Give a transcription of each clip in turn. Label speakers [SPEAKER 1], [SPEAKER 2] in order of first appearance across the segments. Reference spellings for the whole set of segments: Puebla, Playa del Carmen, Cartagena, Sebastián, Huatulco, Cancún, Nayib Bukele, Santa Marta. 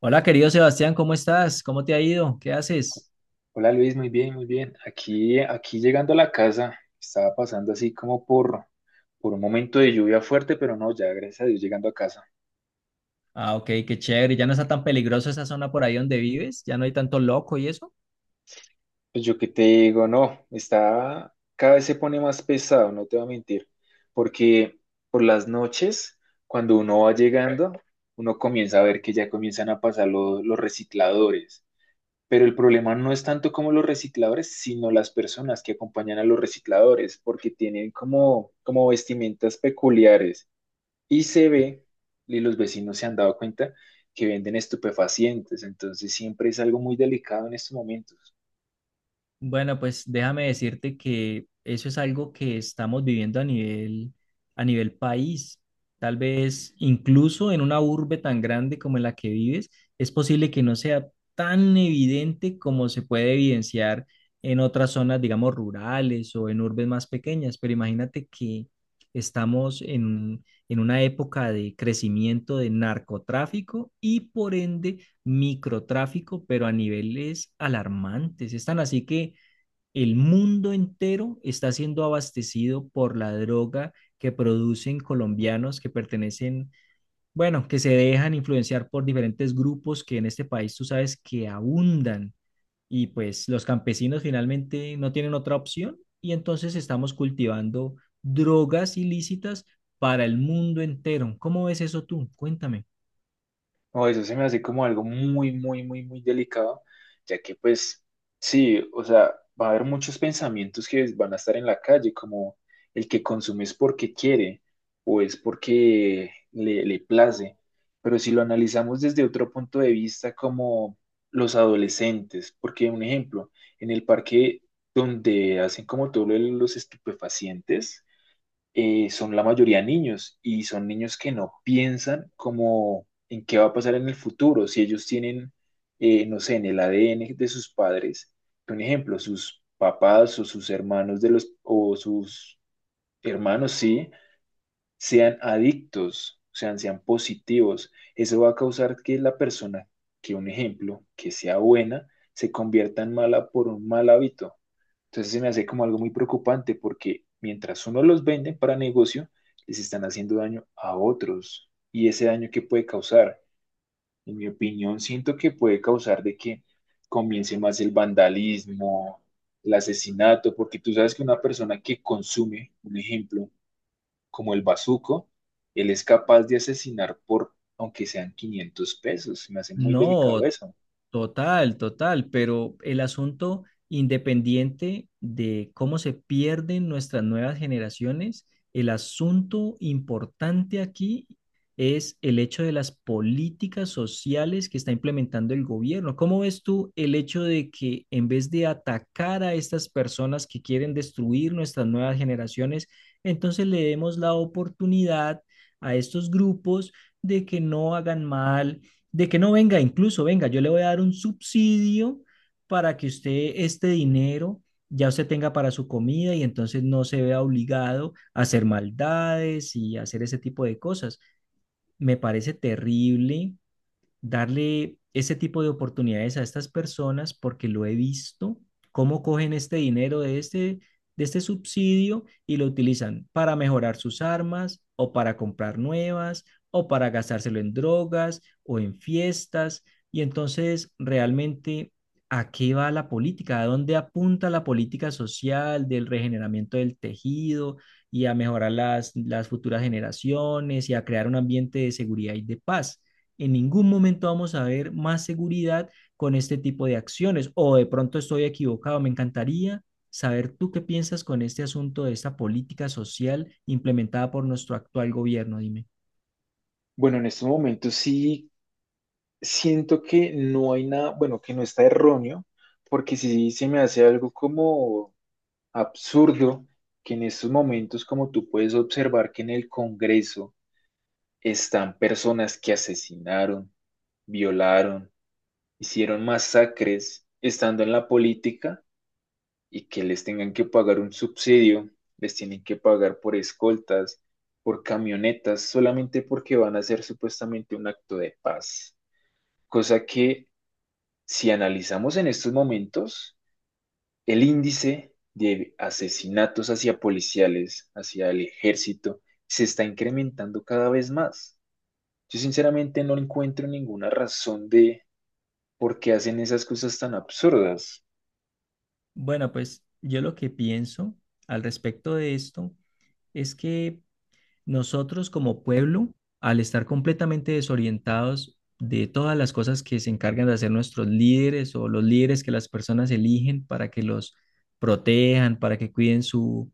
[SPEAKER 1] Hola, querido Sebastián, ¿cómo estás? ¿Cómo te ha ido? ¿Qué haces?
[SPEAKER 2] Hola Luis, muy bien, muy bien. Aquí llegando a la casa, estaba pasando así como por un momento de lluvia fuerte, pero no, ya gracias a Dios llegando a casa.
[SPEAKER 1] Ah, ok, qué chévere. ¿Ya no está tan peligroso esa zona por ahí donde vives? ¿Ya no hay tanto loco y eso?
[SPEAKER 2] Pues yo qué te digo, no, está, cada vez se pone más pesado, no te voy a mentir, porque por las noches, cuando uno va llegando, uno comienza a ver que ya comienzan a pasar los recicladores. Pero el problema no es tanto como los recicladores, sino las personas que acompañan a los recicladores, porque tienen como vestimentas peculiares. Y se ve, y los vecinos se han dado cuenta, que venden estupefacientes. Entonces siempre es algo muy delicado en estos momentos.
[SPEAKER 1] Bueno, pues déjame decirte que eso es algo que estamos viviendo a nivel país. Tal vez incluso en una urbe tan grande como en la que vives, es posible que no sea tan evidente como se puede evidenciar en otras zonas, digamos, rurales o en urbes más pequeñas. Pero imagínate que en una época de crecimiento de narcotráfico y por ende microtráfico, pero a niveles alarmantes. Están así que el mundo entero está siendo abastecido por la droga que producen colombianos que pertenecen, bueno, que se dejan influenciar por diferentes grupos que en este país tú sabes que abundan y pues los campesinos finalmente no tienen otra opción y entonces estamos cultivando drogas ilícitas para el mundo entero. ¿Cómo ves eso tú? Cuéntame.
[SPEAKER 2] O eso se me hace como algo muy, muy, muy, muy delicado, ya que pues sí, o sea, va a haber muchos pensamientos que van a estar en la calle, como el que consume es porque quiere o es porque le place, pero si lo analizamos desde otro punto de vista, como los adolescentes, porque un ejemplo, en el parque donde hacen como todo lo de los estupefacientes, son la mayoría niños y son niños que no piensan como en qué va a pasar en el futuro. Si ellos tienen, no sé, en el ADN de sus padres, un ejemplo, sus papás o sus hermanos o sus hermanos, sí, sean adictos, sean positivos. Eso va a causar que la persona, que un ejemplo, que sea buena, se convierta en mala por un mal hábito. Entonces se me hace como algo muy preocupante porque mientras uno los vende para negocio, les están haciendo daño a otros. Y ese daño que puede causar, en mi opinión, siento que puede causar de que comience más el vandalismo, el asesinato, porque tú sabes que una persona que consume, un ejemplo, como el bazuco, él es capaz de asesinar por, aunque sean 500 pesos. Se me hace muy delicado
[SPEAKER 1] No.
[SPEAKER 2] eso.
[SPEAKER 1] Total, total, pero el asunto independiente de cómo se pierden nuestras nuevas generaciones, el asunto importante aquí es el hecho de las políticas sociales que está implementando el gobierno. ¿Cómo ves tú el hecho de que en vez de atacar a estas personas que quieren destruir nuestras nuevas generaciones, entonces le demos la oportunidad a estos grupos de que no hagan mal? De que no venga, incluso venga, yo le voy a dar un subsidio para que usted este dinero ya usted tenga para su comida y entonces no se vea obligado a hacer maldades y hacer ese tipo de cosas. Me parece terrible darle ese tipo de oportunidades a estas personas porque lo he visto, cómo cogen este dinero de este subsidio y lo utilizan para mejorar sus armas o para comprar nuevas o para gastárselo en drogas o en fiestas. Y entonces, realmente, ¿a qué va la política? ¿A dónde apunta la política social del regeneramiento del tejido y a mejorar las futuras generaciones y a crear un ambiente de seguridad y de paz? En ningún momento vamos a ver más seguridad con este tipo de acciones. O de pronto estoy equivocado. Me encantaría saber tú qué piensas con este asunto de esta política social implementada por nuestro actual gobierno. Dime.
[SPEAKER 2] Bueno, en estos momentos sí siento que no hay nada, bueno, que no está erróneo, porque si se me hace algo como absurdo que en estos momentos, como tú puedes observar que en el Congreso están personas que asesinaron, violaron, hicieron masacres estando en la política y que les tengan que pagar un subsidio, les tienen que pagar por escoltas, por camionetas, solamente porque van a hacer supuestamente un acto de paz, cosa que... Si analizamos en estos momentos el índice de asesinatos hacia policiales, hacia el ejército, se está incrementando cada vez más. Yo sinceramente no encuentro ninguna razón de por qué hacen esas cosas tan absurdas.
[SPEAKER 1] Bueno, pues yo lo que pienso al respecto de esto es que nosotros como pueblo, al estar completamente desorientados de todas las cosas que se encargan de hacer nuestros líderes o los líderes que las personas eligen para que los protejan, para que cuiden su,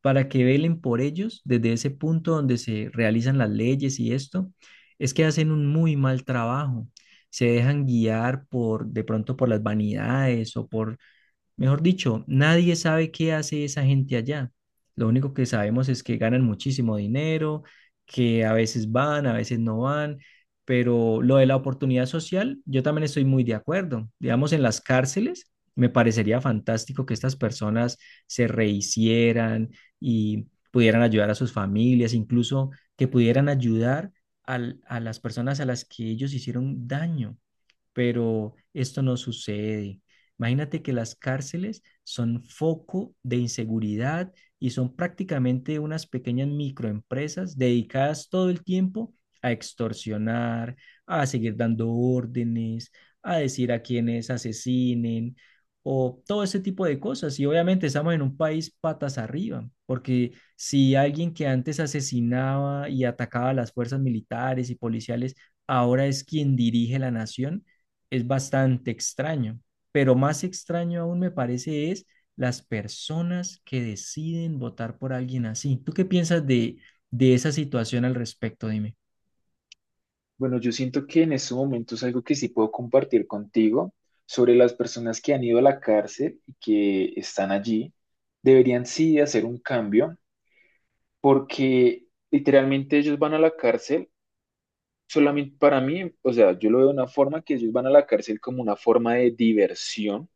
[SPEAKER 1] para que velen por ellos desde ese punto donde se realizan las leyes y esto, es que hacen un muy mal trabajo. Se dejan guiar por, de pronto por las vanidades o por... Mejor dicho, nadie sabe qué hace esa gente allá. Lo único que sabemos es que ganan muchísimo dinero, que a veces van, a veces no van, pero lo de la oportunidad social, yo también estoy muy de acuerdo. Digamos, en las cárceles, me parecería fantástico que estas personas se rehicieran y pudieran ayudar a sus familias, incluso que pudieran ayudar a las personas a las que ellos hicieron daño, pero esto no sucede. Imagínate que las cárceles son foco de inseguridad y son prácticamente unas pequeñas microempresas dedicadas todo el tiempo a extorsionar, a seguir dando órdenes, a decir a quienes asesinen o todo ese tipo de cosas. Y obviamente estamos en un país patas arriba, porque si alguien que antes asesinaba y atacaba a las fuerzas militares y policiales ahora es quien dirige la nación, es bastante extraño, pero más extraño aún me parece es las personas que deciden votar por alguien así. ¿Tú qué piensas de esa situación al respecto?
[SPEAKER 2] Bueno, yo siento que en estos momentos algo que sí puedo compartir contigo sobre las personas que han ido a la cárcel y que están allí, deberían sí hacer un cambio porque literalmente ellos van a la cárcel solamente para mí, o sea, yo lo veo de una forma que ellos van a la cárcel como una forma de diversión,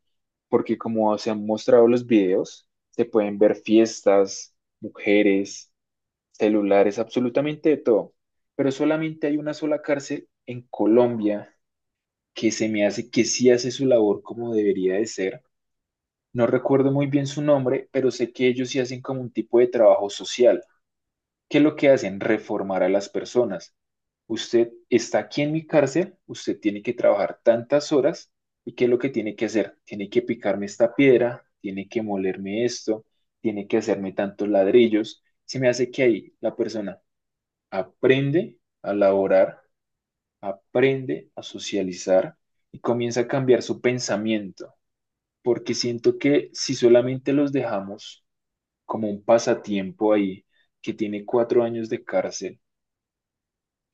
[SPEAKER 2] porque como se han mostrado los videos, se pueden ver fiestas, mujeres, celulares, absolutamente de todo. Pero solamente hay una sola cárcel en Colombia que se me hace que sí hace su labor como debería de ser. No recuerdo muy bien su nombre, pero sé que ellos sí hacen como un tipo de trabajo social. ¿Qué es lo que hacen? Reformar a las personas. Usted está aquí en mi cárcel, usted tiene que trabajar tantas horas y ¿qué es lo que tiene que hacer? Tiene que picarme esta piedra, tiene que molerme esto, tiene que hacerme tantos ladrillos. Se me hace que ahí la persona aprende a laborar, aprende a socializar y comienza a cambiar su pensamiento, porque siento que si solamente los dejamos como un pasatiempo ahí, que tiene 4 años de cárcel,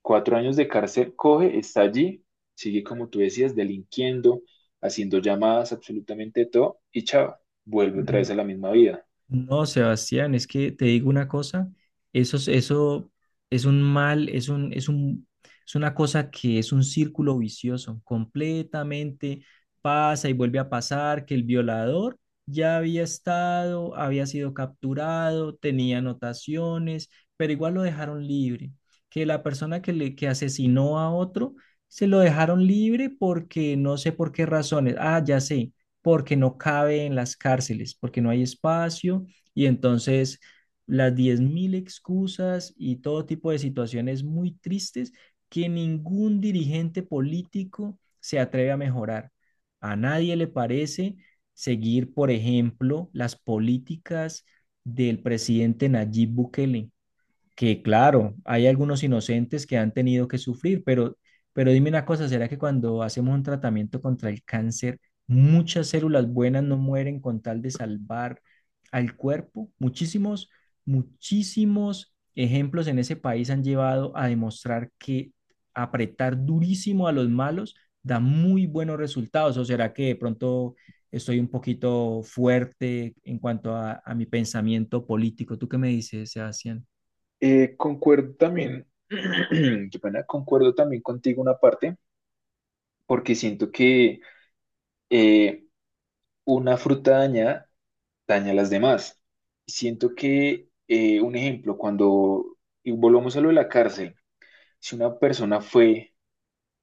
[SPEAKER 2] 4 años de cárcel coge, está allí, sigue como tú decías, delinquiendo, haciendo llamadas, absolutamente todo, y chao, vuelve otra vez
[SPEAKER 1] Dime.
[SPEAKER 2] a la misma vida.
[SPEAKER 1] No, Sebastián, es que te digo una cosa, eso es un mal, es una cosa que es un círculo vicioso, completamente pasa y vuelve a pasar que el violador ya había estado, había sido capturado, tenía anotaciones, pero igual lo dejaron libre, que la persona que asesinó a otro se lo dejaron libre porque no sé por qué razones, ah, ya sé, porque no cabe en las cárceles, porque no hay espacio y entonces las 10.000 excusas y todo tipo de situaciones muy tristes que ningún dirigente político se atreve a mejorar. A nadie le parece seguir, por ejemplo, las políticas del presidente Nayib Bukele que, claro, hay algunos inocentes que han tenido que sufrir, pero dime una cosa, ¿será que cuando hacemos un tratamiento contra el cáncer, muchas células buenas no mueren con tal de salvar al cuerpo? Muchísimos, muchísimos ejemplos en ese país han llevado a demostrar que apretar durísimo a los malos da muy buenos resultados, o será que de pronto... Estoy un poquito fuerte en cuanto a mi pensamiento político. ¿Tú qué me dices, Sebastián?
[SPEAKER 2] Concuerdo también, qué pena, concuerdo también contigo una parte, porque siento que eh, una fruta dañada daña a las demás. Siento que, un ejemplo, cuando, y volvamos a lo de la cárcel, si una persona fue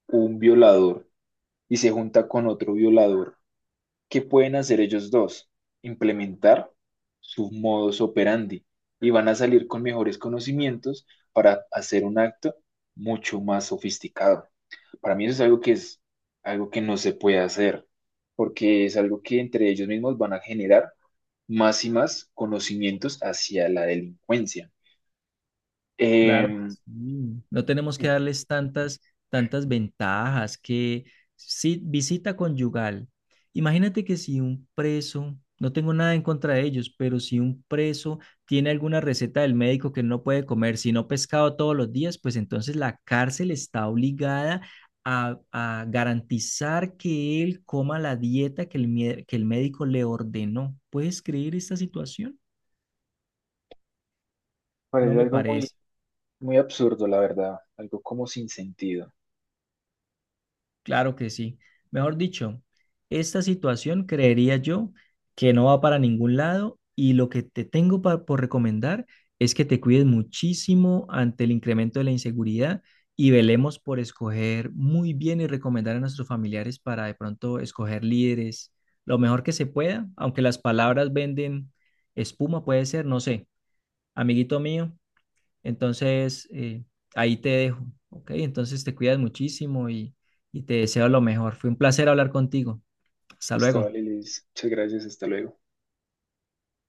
[SPEAKER 2] un violador y se junta con otro violador, ¿qué pueden hacer ellos dos? Implementar su modus operandi y van a salir con mejores conocimientos para hacer un acto mucho más sofisticado. Para mí eso es algo que no se puede hacer, porque es algo que entre ellos mismos van a generar más y más conocimientos hacia la delincuencia.
[SPEAKER 1] Claro que
[SPEAKER 2] Em,
[SPEAKER 1] sí. No tenemos que darles tantas, tantas ventajas que si, visita conyugal. Imagínate que si un preso, no tengo nada en contra de ellos, pero si un preso tiene alguna receta del médico que no puede comer, si no pescado todos los días, pues entonces la cárcel está obligada a garantizar que él coma la dieta que que el médico le ordenó. ¿Puedes creer esta situación? No
[SPEAKER 2] parece
[SPEAKER 1] me
[SPEAKER 2] algo muy,
[SPEAKER 1] parece.
[SPEAKER 2] muy absurdo, la verdad, algo como sin sentido.
[SPEAKER 1] Claro que sí. Mejor dicho, esta situación creería yo que no va para ningún lado y lo que te tengo por recomendar es que te cuides muchísimo ante el incremento de la inseguridad y velemos por escoger muy bien y recomendar a nuestros familiares para de pronto escoger líderes lo mejor que se pueda, aunque las palabras venden espuma, puede ser, no sé, amiguito mío. Entonces, ahí te dejo, ¿ok? Entonces te cuidas muchísimo y te deseo lo mejor. Fue un placer hablar contigo. Hasta
[SPEAKER 2] Listo,
[SPEAKER 1] luego.
[SPEAKER 2] vale, Liz. Muchas gracias, hasta luego.